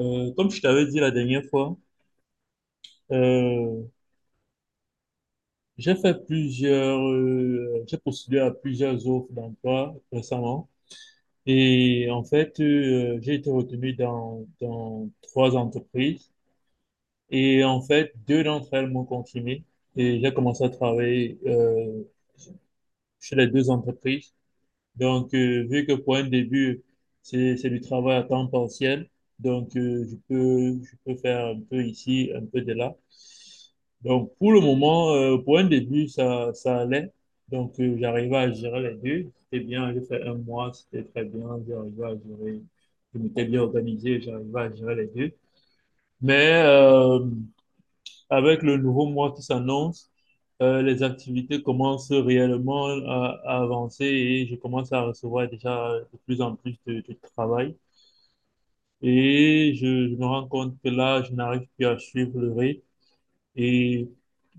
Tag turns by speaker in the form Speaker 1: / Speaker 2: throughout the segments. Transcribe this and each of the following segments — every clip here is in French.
Speaker 1: Comme je t'avais dit la dernière fois, euh, j'ai fait plusieurs, j'ai postulé à plusieurs offres d'emploi récemment. Et en fait, j'ai été retenu dans trois entreprises. Et en fait, deux d'entre elles m'ont confirmé. Et j'ai commencé à travailler chez les deux entreprises. Donc, vu que pour un début, c'est du travail à temps partiel, donc je peux faire un peu ici, un peu de là. Donc, pour le moment, pour un début, ça allait. Donc, j'arrivais à gérer les deux. C'était bien, j'ai fait un mois, c'était très bien. J'arrivais à gérer, je m'étais bien organisé, j'arrivais à gérer les deux. Mais avec le nouveau mois qui s'annonce, les activités commencent réellement à avancer et je commence à recevoir déjà de plus en plus de travail. Et je me rends compte que là, je n'arrive plus à suivre le rythme et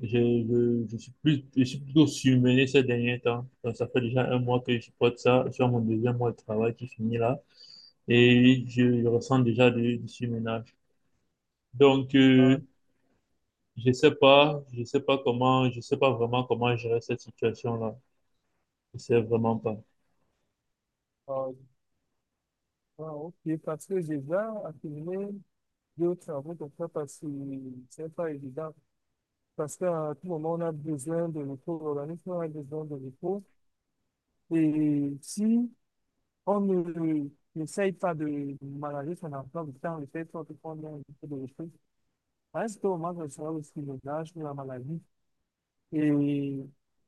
Speaker 1: je suis plus, je suis plutôt surmené ces derniers temps. Donc, ça fait déjà un mois que je supporte ça. Je suis à mon deuxième mois de travail qui finit là et je ressens déjà du surmenage. Donc,
Speaker 2: Ah,
Speaker 1: je sais pas, je sais pas vraiment comment gérer cette situation-là. Je sais vraiment pas.
Speaker 2: ah, ah, ok, parce que j'ai déjà accumulé deux ou trois travaux comme ça, parce que c'est pas évident. Parce qu'à tout moment, on a besoin de repos, l'organisme a besoin de repos. Et si on ne n'essaye pas de manager son emploi du temps, le fait qu'on ait un peu de repos, à un certain moment, ça sera aussi le l'âge ou la maladie. Et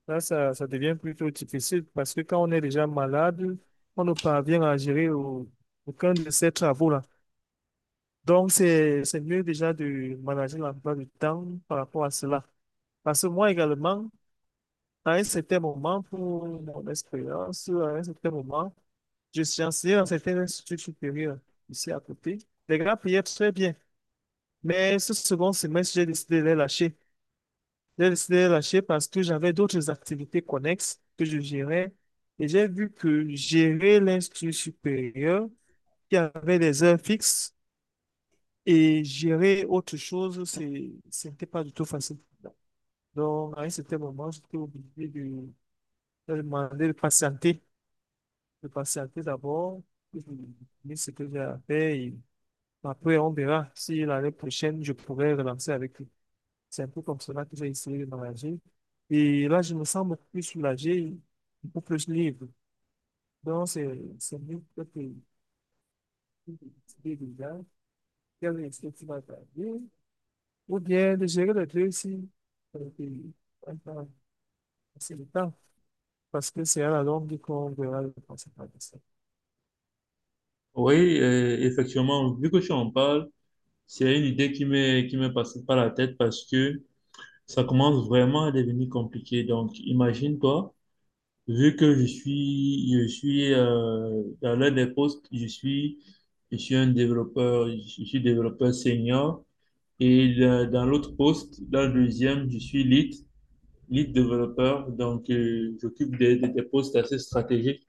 Speaker 2: là, ça devient plutôt difficile parce que quand on est déjà malade, on ne parvient à gérer aucun de ces travaux-là. Donc, c'est mieux déjà de manager l'emploi du temps par rapport à cela. Parce que moi également, à un certain moment, pour mon expérience, à un certain moment, je suis enseigné dans certains instituts supérieurs ici à côté. Les gars payaient très bien. Mais ce second semestre, j'ai décidé de les lâcher. J'ai décidé de les lâcher parce que j'avais d'autres activités connexes que je gérais. Et j'ai vu que gérer l'institut supérieur, qui avait des heures fixes, et gérer autre chose, c'était pas du tout facile. Donc, à un certain moment, de demander de patienter d'abord, et de terminer ce que j'ai à faire. Et après, on verra si l'année prochaine, je pourrais relancer avec lui. C'est un peu comme cela que j'ai essayé de m'engager. Et là, je me sens beaucoup plus soulagé, beaucoup plus libre. Donc, c'est mieux que de décider déjà. Quel est ce qui va t'arriver? Ou bien de gérer les deux aussi. Et puis, ouais, bah, c'est le temps, parce que c'est à la longue qu'on verra les conséquences de ça.
Speaker 1: Oui, effectivement, vu que tu en parles, c'est une idée qui m'est passée par la tête parce que ça commence vraiment à devenir compliqué. Donc, imagine-toi, vu que je suis dans l'un des postes, je suis un développeur, je suis développeur senior et dans l'autre poste, dans le deuxième, je suis lead. Lead développeur. Donc, j'occupe des postes assez stratégiques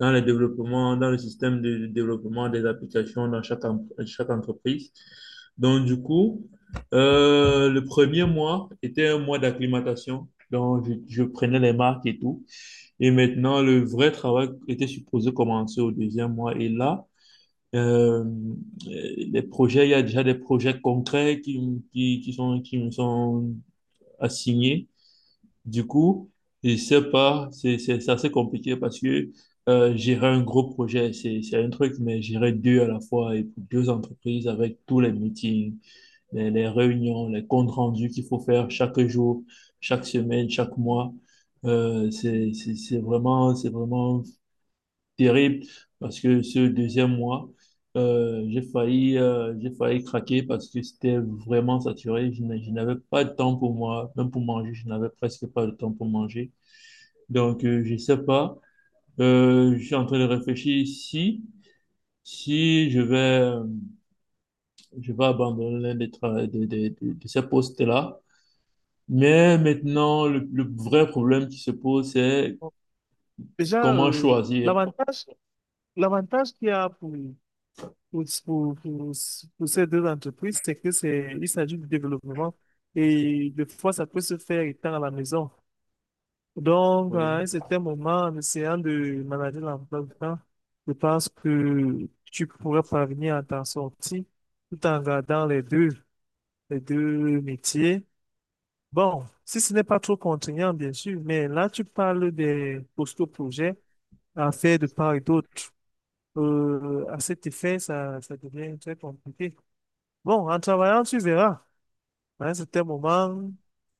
Speaker 1: dans le développement, dans le système de développement des applications dans chaque entreprise. Donc, du coup, le premier mois était un mois d'acclimatation. Donc, je prenais les marques et tout. Et maintenant, le vrai travail était supposé commencer au deuxième mois. Et là, euh, les projets, il y a déjà des projets concrets qui sont, qui me sont assignés. Du coup, je sais pas, c'est assez compliqué parce que gérer un gros projet, c'est un truc, mais gérer deux à la fois et pour deux entreprises avec tous les meetings, les réunions, les comptes rendus qu'il faut faire chaque jour, chaque semaine, chaque mois, c'est vraiment terrible parce que ce deuxième mois, j'ai failli craquer parce que c'était vraiment saturé. Je n'avais pas de temps pour moi, même pour manger, je n'avais presque pas de temps pour manger. Donc, je sais pas. Je suis en train de réfléchir si, si, je vais, euh, je vais abandonner l'un des tra- de ces postes-là. Mais maintenant, le vrai problème qui se pose, c'est
Speaker 2: Bon, déjà,
Speaker 1: comment choisir.
Speaker 2: l'avantage, l'avantage qu'il y a pour, pour, pour- pour ces deux entreprises, c'est que il s'agit du développement et des fois, ça peut se faire étant à la maison. Donc, à
Speaker 1: Oui.
Speaker 2: un certain moment, en essayant de manager l'emploi du temps, je pense que tu pourrais parvenir à t'en sortir tout en gardant les deux. Les deux métiers. Bon, si ce n'est pas trop contraignant, bien sûr, mais là, tu parles des postaux projets à faire de part et d'autre. À cet effet, ça devient très compliqué. Bon, en travaillant, tu verras. À un certain moment,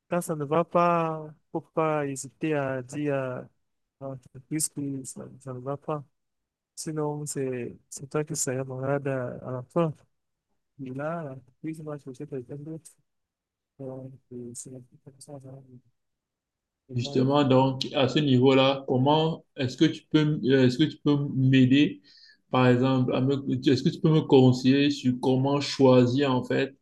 Speaker 2: quand ça ne va pas, faut pas hésiter à dire à l'entreprise que ça ne va pas. Sinon, c'est toi qui seras malade à la fin. Et là, l'entreprise va chercher quelqu'un d'autre. Donc, c'est un peu comme ça, hein.
Speaker 1: Justement, donc, à ce niveau-là, comment est-ce que tu peux, est-ce que tu peux m'aider, par exemple, est-ce que tu peux me conseiller sur comment choisir, en fait,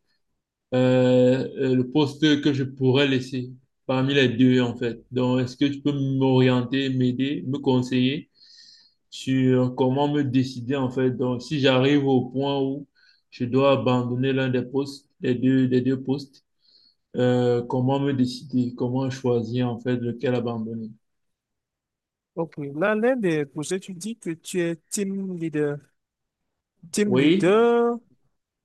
Speaker 1: le poste que je pourrais laisser parmi les deux, en fait. Donc, est-ce que tu peux m'orienter, m'aider, me conseiller sur comment me décider, en fait. Donc, si j'arrive au point où je dois abandonner l'un des postes, des deux postes, comment me décider, comment choisir, en fait, lequel abandonner.
Speaker 2: Ok, là, l'un des projets, tu dis que tu es team leader. Team
Speaker 1: Oui,
Speaker 2: leader,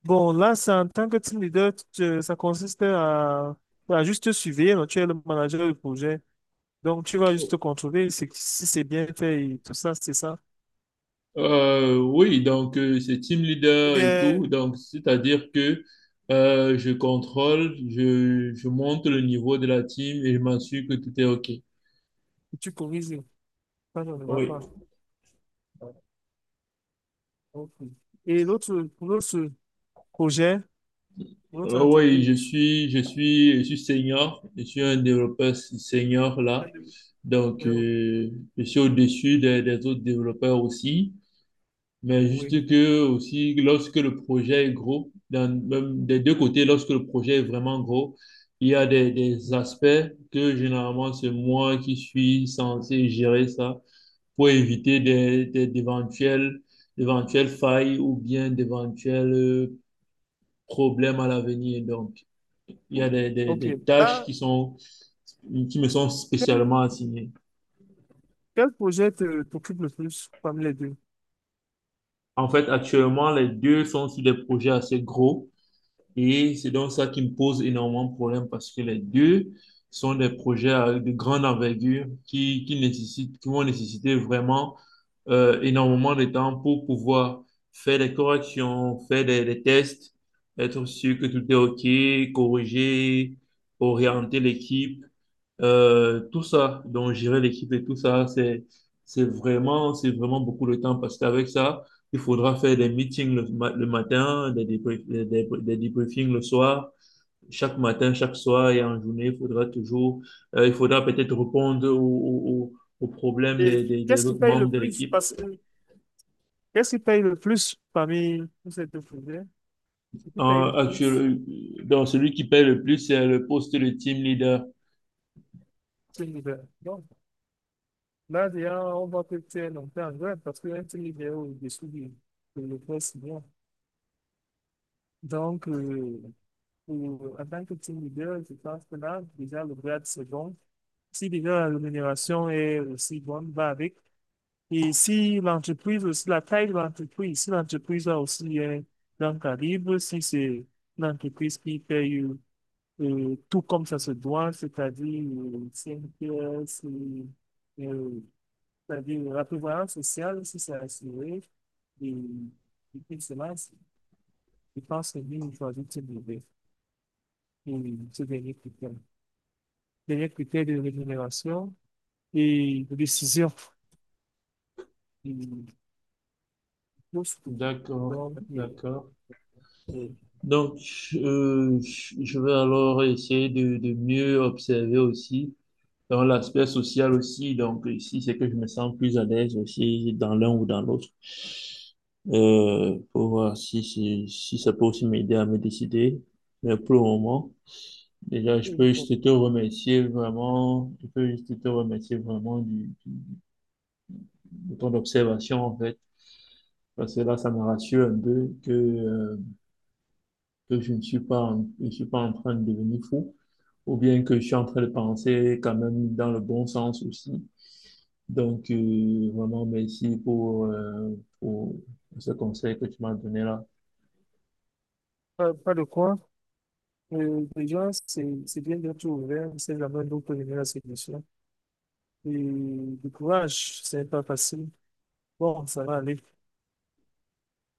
Speaker 2: bon, là, c'est en tant que team leader, ça consiste à juste te surveiller, donc tu es le manager du projet. Donc, tu vas juste contrôler si c'est bien fait et tout ça, c'est ça.
Speaker 1: c'est team
Speaker 2: Ou
Speaker 1: leader et
Speaker 2: bien,
Speaker 1: tout. Donc, c'est-à-dire que je contrôle, je monte le niveau de la team et je m'assure que tout est OK.
Speaker 2: tu corriges quand on ne va
Speaker 1: Oui.
Speaker 2: pas. Ok. Et l'autre, pour l'autre projet, pour l'autre
Speaker 1: Oui, je
Speaker 2: entreprise.
Speaker 1: suis, je suis senior, je suis un développeur senior là. Donc, je suis au-dessus des autres développeurs aussi. Mais
Speaker 2: Oui.
Speaker 1: juste que aussi, lorsque le projet est gros, même des deux côtés, lorsque le projet est vraiment gros, il y a des aspects que généralement c'est moi qui suis censé gérer ça pour éviter d'éventuelles, d'éventuelles failles ou bien d'éventuels problèmes à l'avenir. Donc, il y a
Speaker 2: Ok.
Speaker 1: des tâches
Speaker 2: Là,
Speaker 1: qui sont, qui me sont spécialement assignées.
Speaker 2: quel projet te t'occupe le plus parmi les deux?
Speaker 1: En fait, actuellement, les deux sont sur des projets assez gros. Et c'est donc ça qui me pose énormément de problèmes parce que les deux sont des projets de grande envergure qui nécessitent, qui vont nécessiter vraiment énormément de temps pour pouvoir faire des corrections, faire des tests, être sûr que tout est OK, corriger, orienter l'équipe, tout ça. Donc, gérer l'équipe et tout ça, c'est vraiment beaucoup de temps parce qu'avec ça, il faudra faire des meetings le matin, des, débrie- des- le soir. Chaque matin, chaque soir et en journée, il faudra toujours, il faudra peut-être répondre aux problèmes
Speaker 2: Et
Speaker 1: des
Speaker 2: qu'est-ce qui
Speaker 1: autres
Speaker 2: paye le
Speaker 1: membres de
Speaker 2: plus?
Speaker 1: l'équipe.
Speaker 2: Parce que qu'est-ce qui paye le plus parmi tous ces deux projets? Ce qui paye le plus,
Speaker 1: En Dans celui qui paye le plus, c'est le poste de team leader.
Speaker 2: c'est l'hiver. Donc, là, déjà, on voit que tu es longtemps en grève parce qu'un team leader est au-dessous du de le poste bien. Donc, pour- en tant que team leader, je pense que là, déjà, le grade, c'est bon. Si déjà la rémunération est aussi bonne, va avec. Et si l'entreprise aussi, la taille de l'entreprise, si l'entreprise a aussi un grand calibre, si c'est l'entreprise qui fait tout comme ça se doit, c'est-à-dire 5 heures, euh, c'est-à-dire la prévoyance sociale, si c'est assuré, et puis cela, c'est- je pense que nous, il faut ajouter et ce dernier critère. Dernier critère de rémunération et de décision. Et, tout ce que-
Speaker 1: D'accord,
Speaker 2: donc,
Speaker 1: d'accord.
Speaker 2: euh,
Speaker 1: Donc, je vais alors essayer de mieux observer aussi dans l'aspect social aussi, donc ici, c'est que je me sens plus à l'aise aussi dans l'un ou dans l'autre. Pour voir si, si ça peut aussi m'aider à me décider. Mais pour le moment, déjà, je
Speaker 2: et
Speaker 1: peux
Speaker 2: bon,
Speaker 1: juste te remercier vraiment, je peux juste te remercier vraiment de ton observation, en fait. Parce que là, ça me rassure un peu que je ne suis pas en train de devenir fou, ou bien que je suis en train de penser quand même dans le bon sens aussi. Donc, vraiment, merci pour ce conseil que tu m'as donné là.
Speaker 2: pas, pas de quoi. Déjà, c'est bien d'être ouvert, c'est jamais d'autres venir à ces questions. Et du courage, c'est pas facile. Bon, ça va aller.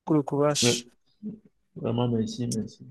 Speaker 2: Que le
Speaker 1: Oui,
Speaker 2: courage.
Speaker 1: vraiment, merci, merci.